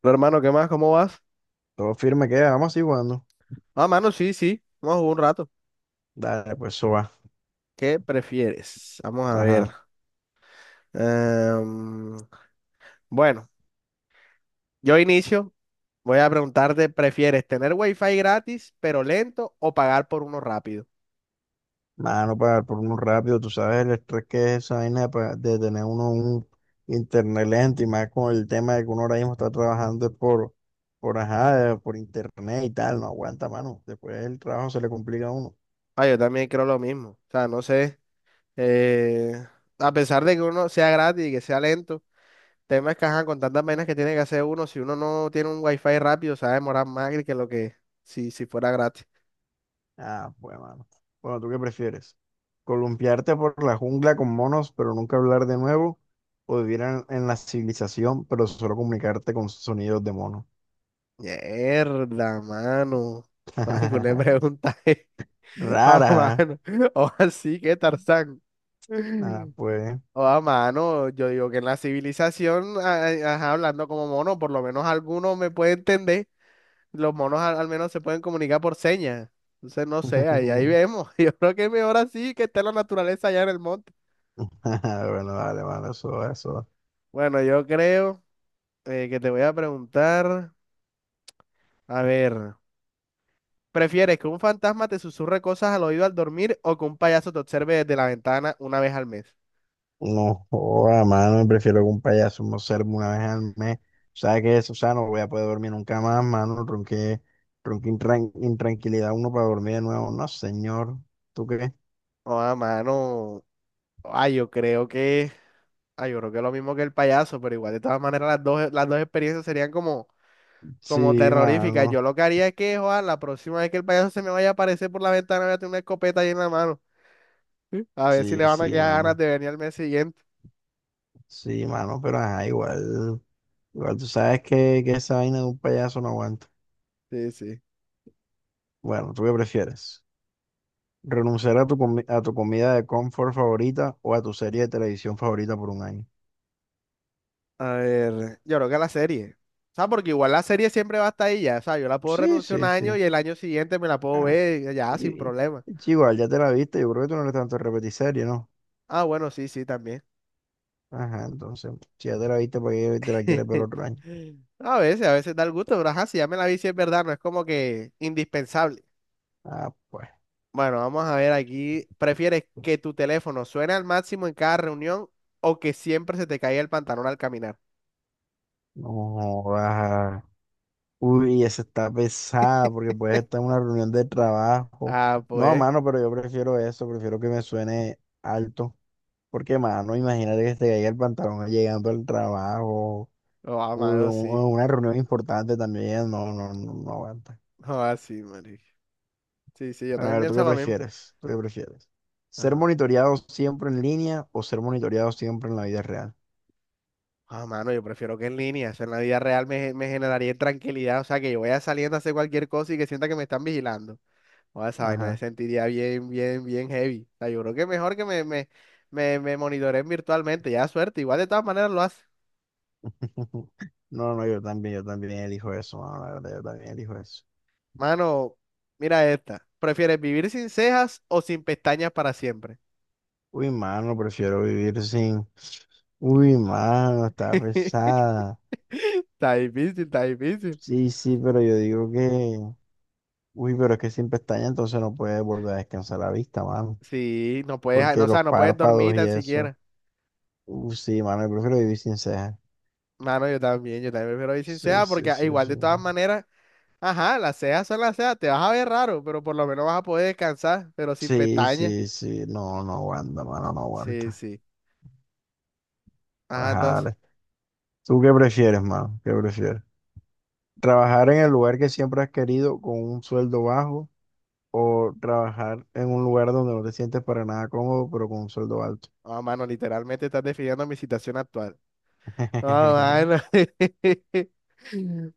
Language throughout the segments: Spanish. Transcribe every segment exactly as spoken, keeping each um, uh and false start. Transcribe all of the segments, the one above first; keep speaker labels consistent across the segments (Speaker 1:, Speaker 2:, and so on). Speaker 1: Pero, hermano, ¿qué más? ¿Cómo vas?
Speaker 2: Todo firme queda, vamos así jugando.
Speaker 1: Ah, mano, sí, sí. Vamos a jugar un rato.
Speaker 2: Dale, pues eso va.
Speaker 1: ¿Qué prefieres? Vamos a ver.
Speaker 2: Ajá.
Speaker 1: Em, bueno, yo inicio. Voy a preguntarte, ¿prefieres tener wifi gratis pero lento o pagar por uno rápido?
Speaker 2: Mano, para por uno rápido, tú sabes el estrés que es esa vaina de, pa- de tener uno un internet lento y más con el tema de que uno ahora mismo está trabajando es por, por, ajá, eh, por internet y tal, no aguanta, mano. Después el trabajo se le complica a uno.
Speaker 1: Ah, yo también creo lo mismo. O sea, no sé. eh, a pesar de que uno sea gratis y que sea lento, temas que ajá, con tantas vainas que tiene que hacer uno, si uno no tiene un wifi rápido, se va a demorar más que lo que si, si fuera gratis.
Speaker 2: Ah, pues, mano. Bueno, ¿tú qué prefieres? ¿Columpiarte por la jungla con monos, pero nunca hablar de nuevo? ¿O vivir en, en la civilización, pero solo comunicarte con sonidos de mono?
Speaker 1: Mierda, mano. Algo le preguntaje. Ah,
Speaker 2: Rara.
Speaker 1: mano. O así que Tarzán.
Speaker 2: Ah, pues.
Speaker 1: O a mano. Yo digo que en la civilización, a- a- ajá, hablando como mono, por lo menos alguno me puede entender. Los monos al, al menos se pueden comunicar por señas. Entonces, no sé, ahí, ahí vemos. Yo creo que es mejor así que esté la naturaleza allá en el monte.
Speaker 2: Ah, bueno, vale, mano, eso, eso.
Speaker 1: Bueno, yo creo eh, que te voy a preguntar. A ver. ¿Prefieres que un fantasma te susurre cosas al oído al dormir o que un payaso te observe desde la ventana una vez al mes?
Speaker 2: No joda, mano, prefiero que un payaso me observe una vez al mes. ¿Sabes qué es? O sea, no voy a poder dormir nunca más, mano. Ronqué, ronqué intran- intranquilidad uno para dormir de nuevo. No, señor. ¿Tú qué?
Speaker 1: Oh, ah, mano. Ay, yo creo que. Ay, yo creo que es lo mismo que el payaso, pero igual de todas maneras las dos, las dos experiencias serían como, como
Speaker 2: Sí,
Speaker 1: terroríficas. Yo
Speaker 2: mano.
Speaker 1: lo que haría es que, joder, la próxima vez que el payaso se me vaya a aparecer por la ventana, voy a tener una escopeta ahí en la mano. ¿Sí? A ver si le
Speaker 2: Sí,
Speaker 1: van a
Speaker 2: sí,
Speaker 1: quedar ganas
Speaker 2: mano.
Speaker 1: de venir al mes siguiente.
Speaker 2: Sí, mano, pero ajá, igual. Igual tú sabes que, que esa vaina de un payaso no aguanta.
Speaker 1: Sí, sí.
Speaker 2: Bueno, ¿tú qué prefieres? Renunciar a tu, comi- a tu comida de confort favorita o a tu serie de televisión favorita por un año.
Speaker 1: A ver, yo creo que la serie. O sea, porque igual la serie siempre va hasta estar ahí ya. O sea, yo la puedo
Speaker 2: Sí,
Speaker 1: renunciar un
Speaker 2: sí,
Speaker 1: año
Speaker 2: sí.
Speaker 1: y el año siguiente me la puedo
Speaker 2: Ah,
Speaker 1: ver ya
Speaker 2: y,
Speaker 1: sin
Speaker 2: y-
Speaker 1: problema.
Speaker 2: y chico, ya te la viste, yo creo que tú no eres tanto de repetir serie, ¿no?
Speaker 1: Ah, bueno, sí, sí, también.
Speaker 2: Ajá, entonces, si ya te la viste, ¿para qué te la quieres ver otro año?
Speaker 1: A veces, a veces da el gusto, pero ajá, si ya me la vi, si es verdad, no es como que indispensable.
Speaker 2: Ah, pues,
Speaker 1: Bueno, vamos a ver aquí. ¿Prefieres que tu teléfono suene al máximo en cada reunión o que siempre se te caiga el pantalón al caminar?
Speaker 2: no jodas. Uy, esa está pesada porque puedes estar en una reunión de trabajo.
Speaker 1: Ah,
Speaker 2: No,
Speaker 1: pues.
Speaker 2: mano, pero yo prefiero eso, prefiero que me suene alto. Porque, mano, imagínate que te caiga el pantalón llegando al trabajo.
Speaker 1: Oh, ah,
Speaker 2: Un
Speaker 1: mano, sí.
Speaker 2: una reunión importante también, no, no, no, no aguanta.
Speaker 1: Oh, ah, sí, marica. Sí, sí, yo
Speaker 2: Pero a
Speaker 1: también
Speaker 2: ver, ¿tú
Speaker 1: pienso
Speaker 2: qué
Speaker 1: lo mismo.
Speaker 2: prefieres? ¿Tú qué prefieres? ¿Ser
Speaker 1: Ajá.
Speaker 2: monitoreado siempre en línea o ser monitoreado siempre en la vida real?
Speaker 1: Ah, mano, yo prefiero que en línea. Eso en la vida real me, me generaría tranquilidad. O sea, que yo vaya saliendo a hacer cualquier cosa y que sienta que me están vigilando. O esa vaina me
Speaker 2: Ajá.
Speaker 1: sentiría bien, bien, bien heavy. O sea, yo creo que mejor que me, me, me, me monitoreen virtualmente. Ya suerte, igual de todas maneras lo hace.
Speaker 2: No, no, yo también, yo también elijo eso, mano, la verdad, yo también elijo eso.
Speaker 1: Mano, mira esta. ¿Prefieres vivir sin cejas o sin pestañas para siempre?
Speaker 2: Uy, mano, prefiero vivir sin. Uy, mano, está pesada.
Speaker 1: Está difícil, está difícil.
Speaker 2: Sí, sí, pero yo digo que. Uy, pero es que sin pestaña entonces no puedes volver a descansar la vista, mano.
Speaker 1: Sí, no puedes, no,
Speaker 2: Porque
Speaker 1: o sea,
Speaker 2: los
Speaker 1: no puedes dormir
Speaker 2: párpados y
Speaker 1: tan
Speaker 2: eso.
Speaker 1: siquiera.
Speaker 2: Uh, sí, mano, yo prefiero vivir sin cejas.
Speaker 1: Mano, yo también, yo también prefiero ir sin
Speaker 2: Sí,
Speaker 1: cejas porque
Speaker 2: sí,
Speaker 1: ah,
Speaker 2: sí,
Speaker 1: igual
Speaker 2: sí.
Speaker 1: de todas maneras. Ajá, las cejas son las cejas, te vas a ver raro, pero por lo menos vas a poder descansar, pero sin
Speaker 2: Sí,
Speaker 1: pestañas.
Speaker 2: sí, sí. No, no aguanta, mano, no
Speaker 1: Sí,
Speaker 2: aguanta.
Speaker 1: sí. Ajá, entonces,
Speaker 2: Ajá, ¿tú qué prefieres, mano? ¿Qué prefieres? ¿Trabajar en el lugar que siempre has querido con un sueldo bajo o trabajar en un lugar donde no te sientes para nada cómodo, pero con un sueldo alto?
Speaker 1: ah, mano, literalmente estás definiendo mi situación actual. No, mano.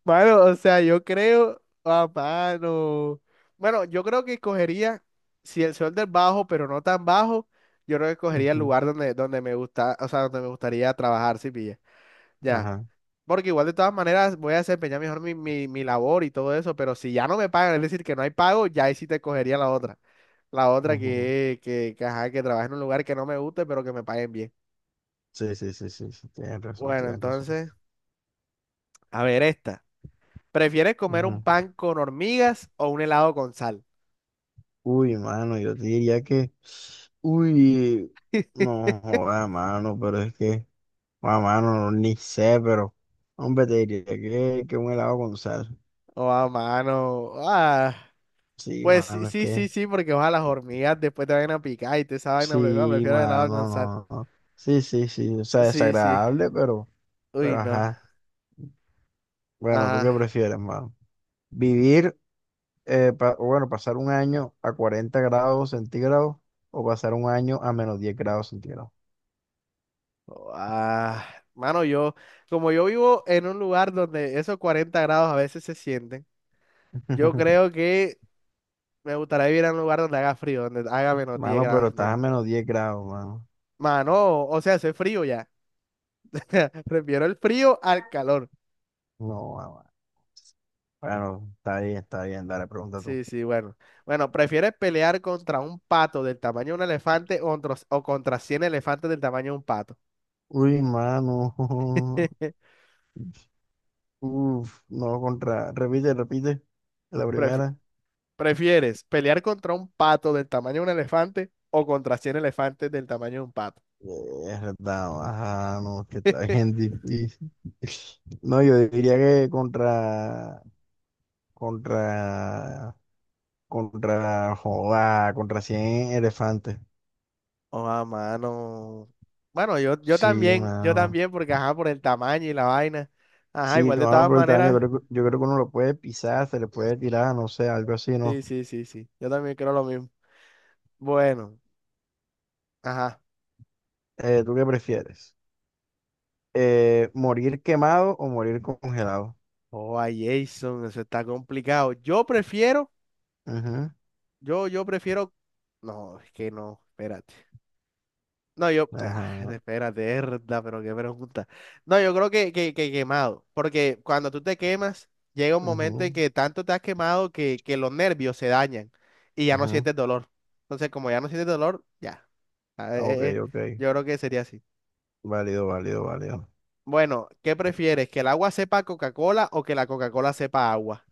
Speaker 1: Mano, o sea, yo creo, ah, mano. Bueno, yo creo que escogería, si el sol del bajo, pero no tan bajo, yo creo que escogería el
Speaker 2: Ujú,
Speaker 1: lugar donde, donde me gusta, o sea, donde me gustaría trabajar, si pilla. Ya.
Speaker 2: ajá.
Speaker 1: Porque igual de todas maneras voy a desempeñar mejor mi, mi, mi labor y todo eso, pero si ya no me pagan, es decir, que no hay pago, ya ahí sí te cogería la otra. La otra
Speaker 2: Ujú.
Speaker 1: que, que, que, ajá, que trabaje en un lugar que no me guste, pero que me paguen bien.
Speaker 2: Sí, sí, sí, sí, sí. Tienes razón,
Speaker 1: Bueno,
Speaker 2: tienes razón.
Speaker 1: entonces, a ver esta. ¿Prefieres comer un
Speaker 2: Ujú.
Speaker 1: pan con hormigas o un helado con sal?
Speaker 2: Uy, mano, yo te diría que, uy, no joda, mano, pero es que, ah, mano, ni sé, pero, hombre, te diría que, que un helado con sal.
Speaker 1: Oh, a mano. Ah,
Speaker 2: Sí,
Speaker 1: pues sí,
Speaker 2: mano, es
Speaker 1: sí, sí,
Speaker 2: que,
Speaker 1: sí, porque ojalá las hormigas después te vayan a picar y te esa vaina, prefiero,
Speaker 2: sí,
Speaker 1: prefiero el helado con
Speaker 2: mano,
Speaker 1: sal.
Speaker 2: no, no. Sí, sí, sí, o sea,
Speaker 1: Sí, sí.
Speaker 2: desagradable, pero,
Speaker 1: Uy,
Speaker 2: pero
Speaker 1: no.
Speaker 2: ajá. Bueno, ¿tú qué
Speaker 1: Ajá,
Speaker 2: prefieres, mano? ¿Vivir, eh, pa- o bueno, pasar un año a cuarenta grados centígrados o pasar un año a menos diez grados centígrados?
Speaker 1: Ah, mano, yo, como yo vivo en un lugar donde esos cuarenta grados a veces se sienten, yo creo que me gustaría vivir en un lugar donde haga frío, donde haga menos diez
Speaker 2: Mano,
Speaker 1: grados
Speaker 2: pero estás a
Speaker 1: centígrados.
Speaker 2: menos diez grados, mano.
Speaker 1: Mano, o sea, hace frío ya. Prefiero el frío al calor.
Speaker 2: No, mamá. Bueno, está bien, está bien, dale, pregunta tú.
Speaker 1: Sí, sí, bueno. Bueno, ¿prefieres pelear contra un pato del tamaño de un elefante o contra, o contra cien elefantes del tamaño de un pato?
Speaker 2: Uy, mano. Uf, no, contra. Repite, repite. La
Speaker 1: Prefi-
Speaker 2: primera.
Speaker 1: ¿Prefieres pelear contra un pato del tamaño de un elefante o contra cien elefantes del tamaño de un pato?
Speaker 2: Es verdad, ajá, no, es que está bien difícil. No, yo diría que contra, contra, contra, joda, contra cien elefantes.
Speaker 1: Oh, a mano. Bueno, yo, yo
Speaker 2: Sí,
Speaker 1: también, yo
Speaker 2: mano.
Speaker 1: también, porque ajá, por el tamaño y la vaina. Ajá,
Speaker 2: Sí,
Speaker 1: igual de
Speaker 2: mano,
Speaker 1: todas
Speaker 2: por el tamaño,
Speaker 1: maneras.
Speaker 2: creo que- yo creo que uno lo puede pisar, se le puede tirar, no sé, algo así, ¿no?
Speaker 1: Sí, sí, sí, sí. Yo también creo lo mismo. Bueno, ajá.
Speaker 2: Eh, ¿tú qué prefieres? Eh, morir quemado o morir congelado.
Speaker 1: Oh, a Jason, eso está complicado. Yo prefiero,
Speaker 2: Ujú,
Speaker 1: yo, yo prefiero. No, es que no, espérate. No, yo, ah,
Speaker 2: ajá.
Speaker 1: espérate, herda, pero qué pregunta. No, yo creo que, que, que quemado, porque cuando tú te quemas, llega un momento en
Speaker 2: Ujú,
Speaker 1: que tanto te has quemado que, que los nervios se dañan y ya no
Speaker 2: ujú.
Speaker 1: sientes dolor. Entonces, como ya no sientes dolor, ya. Ah, eh,
Speaker 2: Ah, ok,
Speaker 1: eh, eh,
Speaker 2: ok.
Speaker 1: yo creo que sería así.
Speaker 2: Válido, válido, válido.
Speaker 1: Bueno, ¿qué prefieres? ¿Que el agua sepa Coca-Cola o que la Coca-Cola sepa agua?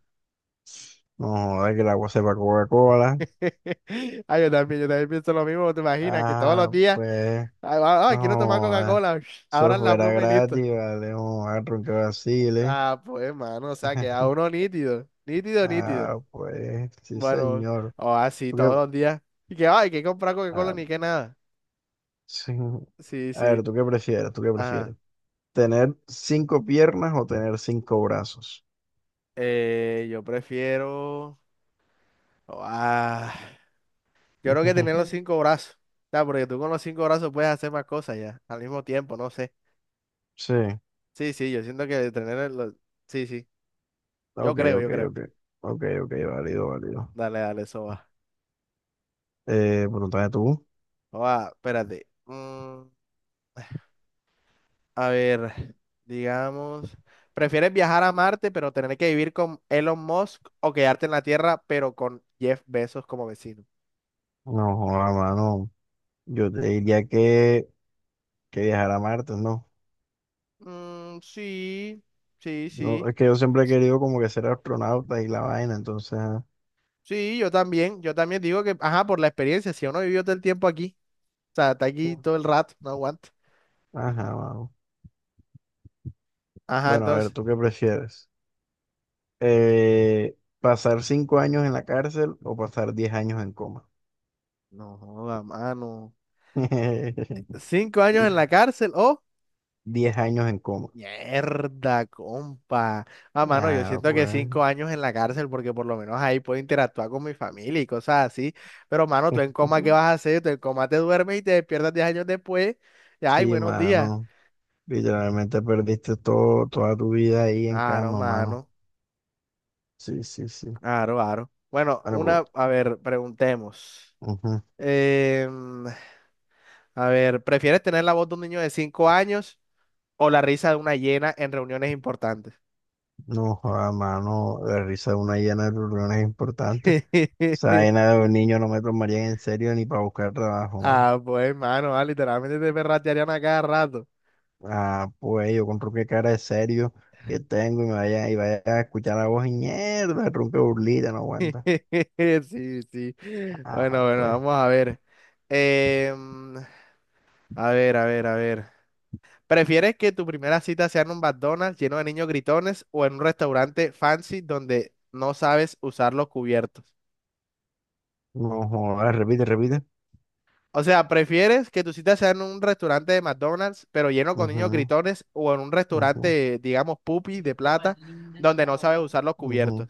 Speaker 2: No joda que el agua sepa Coca-Cola.
Speaker 1: Ah, yo también, yo también pienso lo mismo, ¿te imaginas? Que todos los
Speaker 2: Ah,
Speaker 1: días,
Speaker 2: pues.
Speaker 1: ah, ah,
Speaker 2: No
Speaker 1: ah, quiero tomar
Speaker 2: joda.
Speaker 1: Coca-Cola,
Speaker 2: Eso
Speaker 1: ahora la
Speaker 2: fuera
Speaker 1: pluma y listo.
Speaker 2: gratis, vale. No a que vacile.
Speaker 1: Ah, pues, mano, o sea, queda uno nítido, nítido, nítido.
Speaker 2: Ah, pues. Sí,
Speaker 1: Bueno,
Speaker 2: señor.
Speaker 1: o así
Speaker 2: ¿Tú qué?
Speaker 1: todos los días. Y que, ay, que comprar Coca-Cola
Speaker 2: Ah,
Speaker 1: ni que nada.
Speaker 2: sí.
Speaker 1: Sí,
Speaker 2: A
Speaker 1: sí.
Speaker 2: ver, ¿tú qué prefieres? ¿Tú qué
Speaker 1: Ajá.
Speaker 2: prefieres? ¿Tener cinco piernas o tener cinco brazos?
Speaker 1: Eh, yo prefiero. oh, ah, yo creo que tener los cinco brazos. O sea, porque tú con los cinco brazos puedes hacer más cosas ya, al mismo tiempo, no sé.
Speaker 2: Sí.
Speaker 1: Sí, sí, yo siento que tener el- los... Sí, sí. Yo
Speaker 2: Ok,
Speaker 1: creo, yo
Speaker 2: ok,
Speaker 1: creo.
Speaker 2: ok. Ok, ok, válido, válido.
Speaker 1: Dale, dale, eso va.
Speaker 2: Eh, bueno, entonces tú.
Speaker 1: Oh, ah, espérate. Mm. A ver, digamos, ¿prefieres viajar a Marte pero tener que vivir con Elon Musk o quedarte en la Tierra pero con Jeff Bezos como vecino?
Speaker 2: No, joda, mano. Yo te diría que, que viajar a Marte, ¿no?
Speaker 1: Mm, sí, sí,
Speaker 2: No,
Speaker 1: sí.
Speaker 2: es que yo siempre he querido como que ser astronauta y la vaina, entonces.
Speaker 1: Sí, yo también, yo también digo que, ajá, por la experiencia, si uno vivió todo el tiempo aquí, o sea, está aquí
Speaker 2: Ujú.
Speaker 1: todo el rato, no aguanta.
Speaker 2: Ajá, mano.
Speaker 1: Ajá,
Speaker 2: Bueno, a ver,
Speaker 1: entonces,
Speaker 2: ¿tú qué prefieres? Eh, ¿pasar cinco años en la cárcel o pasar diez años en coma?
Speaker 1: no joda, mano. Cinco años en la cárcel o
Speaker 2: Diez años en coma.
Speaker 1: Mierda, compa. Ah, mano, yo
Speaker 2: Ah,
Speaker 1: siento que
Speaker 2: pues.
Speaker 1: cinco años en la cárcel, porque por lo menos ahí puedo interactuar con mi familia y cosas así. Pero, mano, tú en coma, ¿qué vas a hacer? Tú en coma te duermes y te despiertas diez años después. Y, ay,
Speaker 2: Sí,
Speaker 1: buenos días.
Speaker 2: mano. Literalmente perdiste todo, toda tu vida ahí en
Speaker 1: Aro,
Speaker 2: cama, mano.
Speaker 1: mano.
Speaker 2: Sí, sí, sí.
Speaker 1: Aro, aro. Bueno,
Speaker 2: Bueno,
Speaker 1: una,
Speaker 2: pregunta.
Speaker 1: a ver, preguntemos.
Speaker 2: Ujú.
Speaker 1: Em, a ver, ¿prefieres tener la voz de un niño de cinco años o la risa de una hiena en reuniones importantes?
Speaker 2: No, joda, mano, la risa una llena de reuniones importantes. Esa vaina de un niño no me tomaría en serio ni para buscar trabajo, mano.
Speaker 1: Ah, pues, mano, ah, literalmente te perratearían a cada rato.
Speaker 2: Ah, pues yo con qué cara de serio que tengo y me vaya, y vaya a escuchar la voz y mierda, tronco de burlita, no aguanta.
Speaker 1: Sí, sí.
Speaker 2: Ah,
Speaker 1: Bueno, bueno,
Speaker 2: pues,
Speaker 1: vamos a ver. Em, a ver, a ver, a ver. ¿Prefieres que tu primera cita sea en un McDonald's lleno de niños gritones o en un restaurante fancy donde no sabes usar los cubiertos?
Speaker 2: no jodas, repite, repite.
Speaker 1: O sea, ¿prefieres que tu cita sea en un restaurante de McDonald's pero lleno con
Speaker 2: Ujú,
Speaker 1: niños gritones o en un
Speaker 2: ujú,
Speaker 1: restaurante, digamos, pupi de plata donde no sabes usar los
Speaker 2: ujú.
Speaker 1: cubiertos?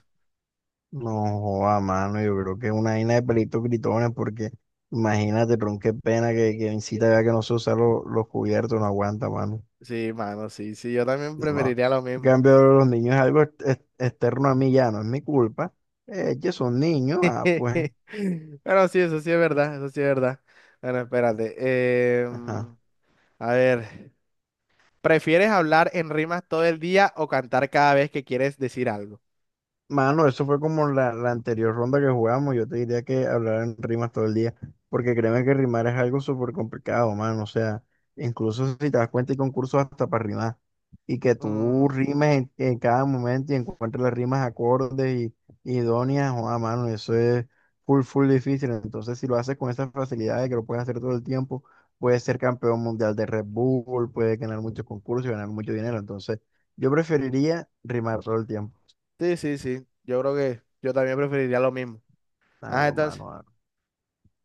Speaker 2: No, joda mano, yo creo que es una vaina de pelitos gritones, porque imagínate, tron, qué pena que, que incita ya que no se usan los, los cubiertos, no aguanta, mano.
Speaker 1: Sí, mano, sí, sí, yo también
Speaker 2: No.
Speaker 1: preferiría lo
Speaker 2: En
Speaker 1: mismo.
Speaker 2: cambio, los niños es algo ex- ex- externo a mí ya, no es mi culpa. Eh, que son niños, ah, pues.
Speaker 1: Bueno, sí, eso sí es verdad, eso sí es verdad. Bueno, espérate.
Speaker 2: Ajá.
Speaker 1: Em, a ver, ¿prefieres hablar en rimas todo el día o cantar cada vez que quieres decir algo?
Speaker 2: Mano, eso fue como la, la anterior ronda que jugamos. Yo te diría que hablar en rimas todo el día, porque créeme que rimar es algo súper complicado, mano. O sea, incluso si te das cuenta, hay concursos hasta para rimar. Y que tú
Speaker 1: Mm,
Speaker 2: rimes en, en cada momento y encuentres las rimas acordes y, y idóneas, o a mano, eso es full, full difícil. Entonces, si lo haces con esa facilidad de que lo puedes hacer todo el tiempo, puedes ser campeón mundial de Red Bull, puedes ganar muchos concursos y ganar mucho dinero. Entonces, yo preferiría rimar todo el tiempo.
Speaker 1: sí, sí, sí. Yo creo que yo también preferiría lo mismo.
Speaker 2: A
Speaker 1: Ah,
Speaker 2: lo
Speaker 1: entonces.
Speaker 2: mano, a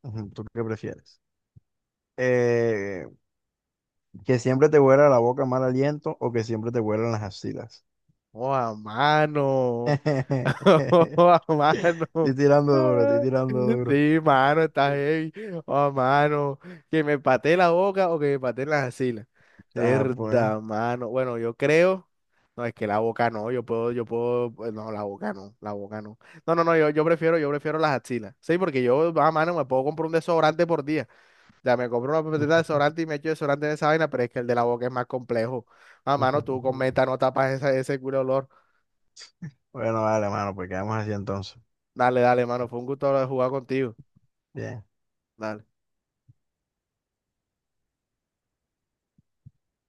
Speaker 2: ujú, ¿tú qué prefieres? Eh, que siempre te huela la boca mal aliento o que siempre te huelan las axilas.
Speaker 1: ¡Oh, a mano!
Speaker 2: Estoy
Speaker 1: ¡Oh, a mano!
Speaker 2: tirando duro, estoy tirando duro.
Speaker 1: Sí, mano, está heavy. ¡Oh, mano! Que me patee la boca o que me patee las axilas.
Speaker 2: Ah, pues.
Speaker 1: Verdad, mano. Bueno, yo creo. No, es que la boca no, yo puedo, yo puedo, pues, no, la boca no, la boca no. No, no, no, yo, yo prefiero, yo prefiero las axilas. Sí, porque yo, a mano, me puedo comprar un desodorante por día. Ya me compro una pepetita de desodorante y me echo desodorante en esa vaina, pero es que el de la boca es más complejo. A mano, tú con meta no tapas esa- ese culo de olor.
Speaker 2: Bueno, vale, mano, pues quedamos así entonces.
Speaker 1: Dale, dale, mano, fue un gusto jugar contigo.
Speaker 2: Bien.
Speaker 1: Dale.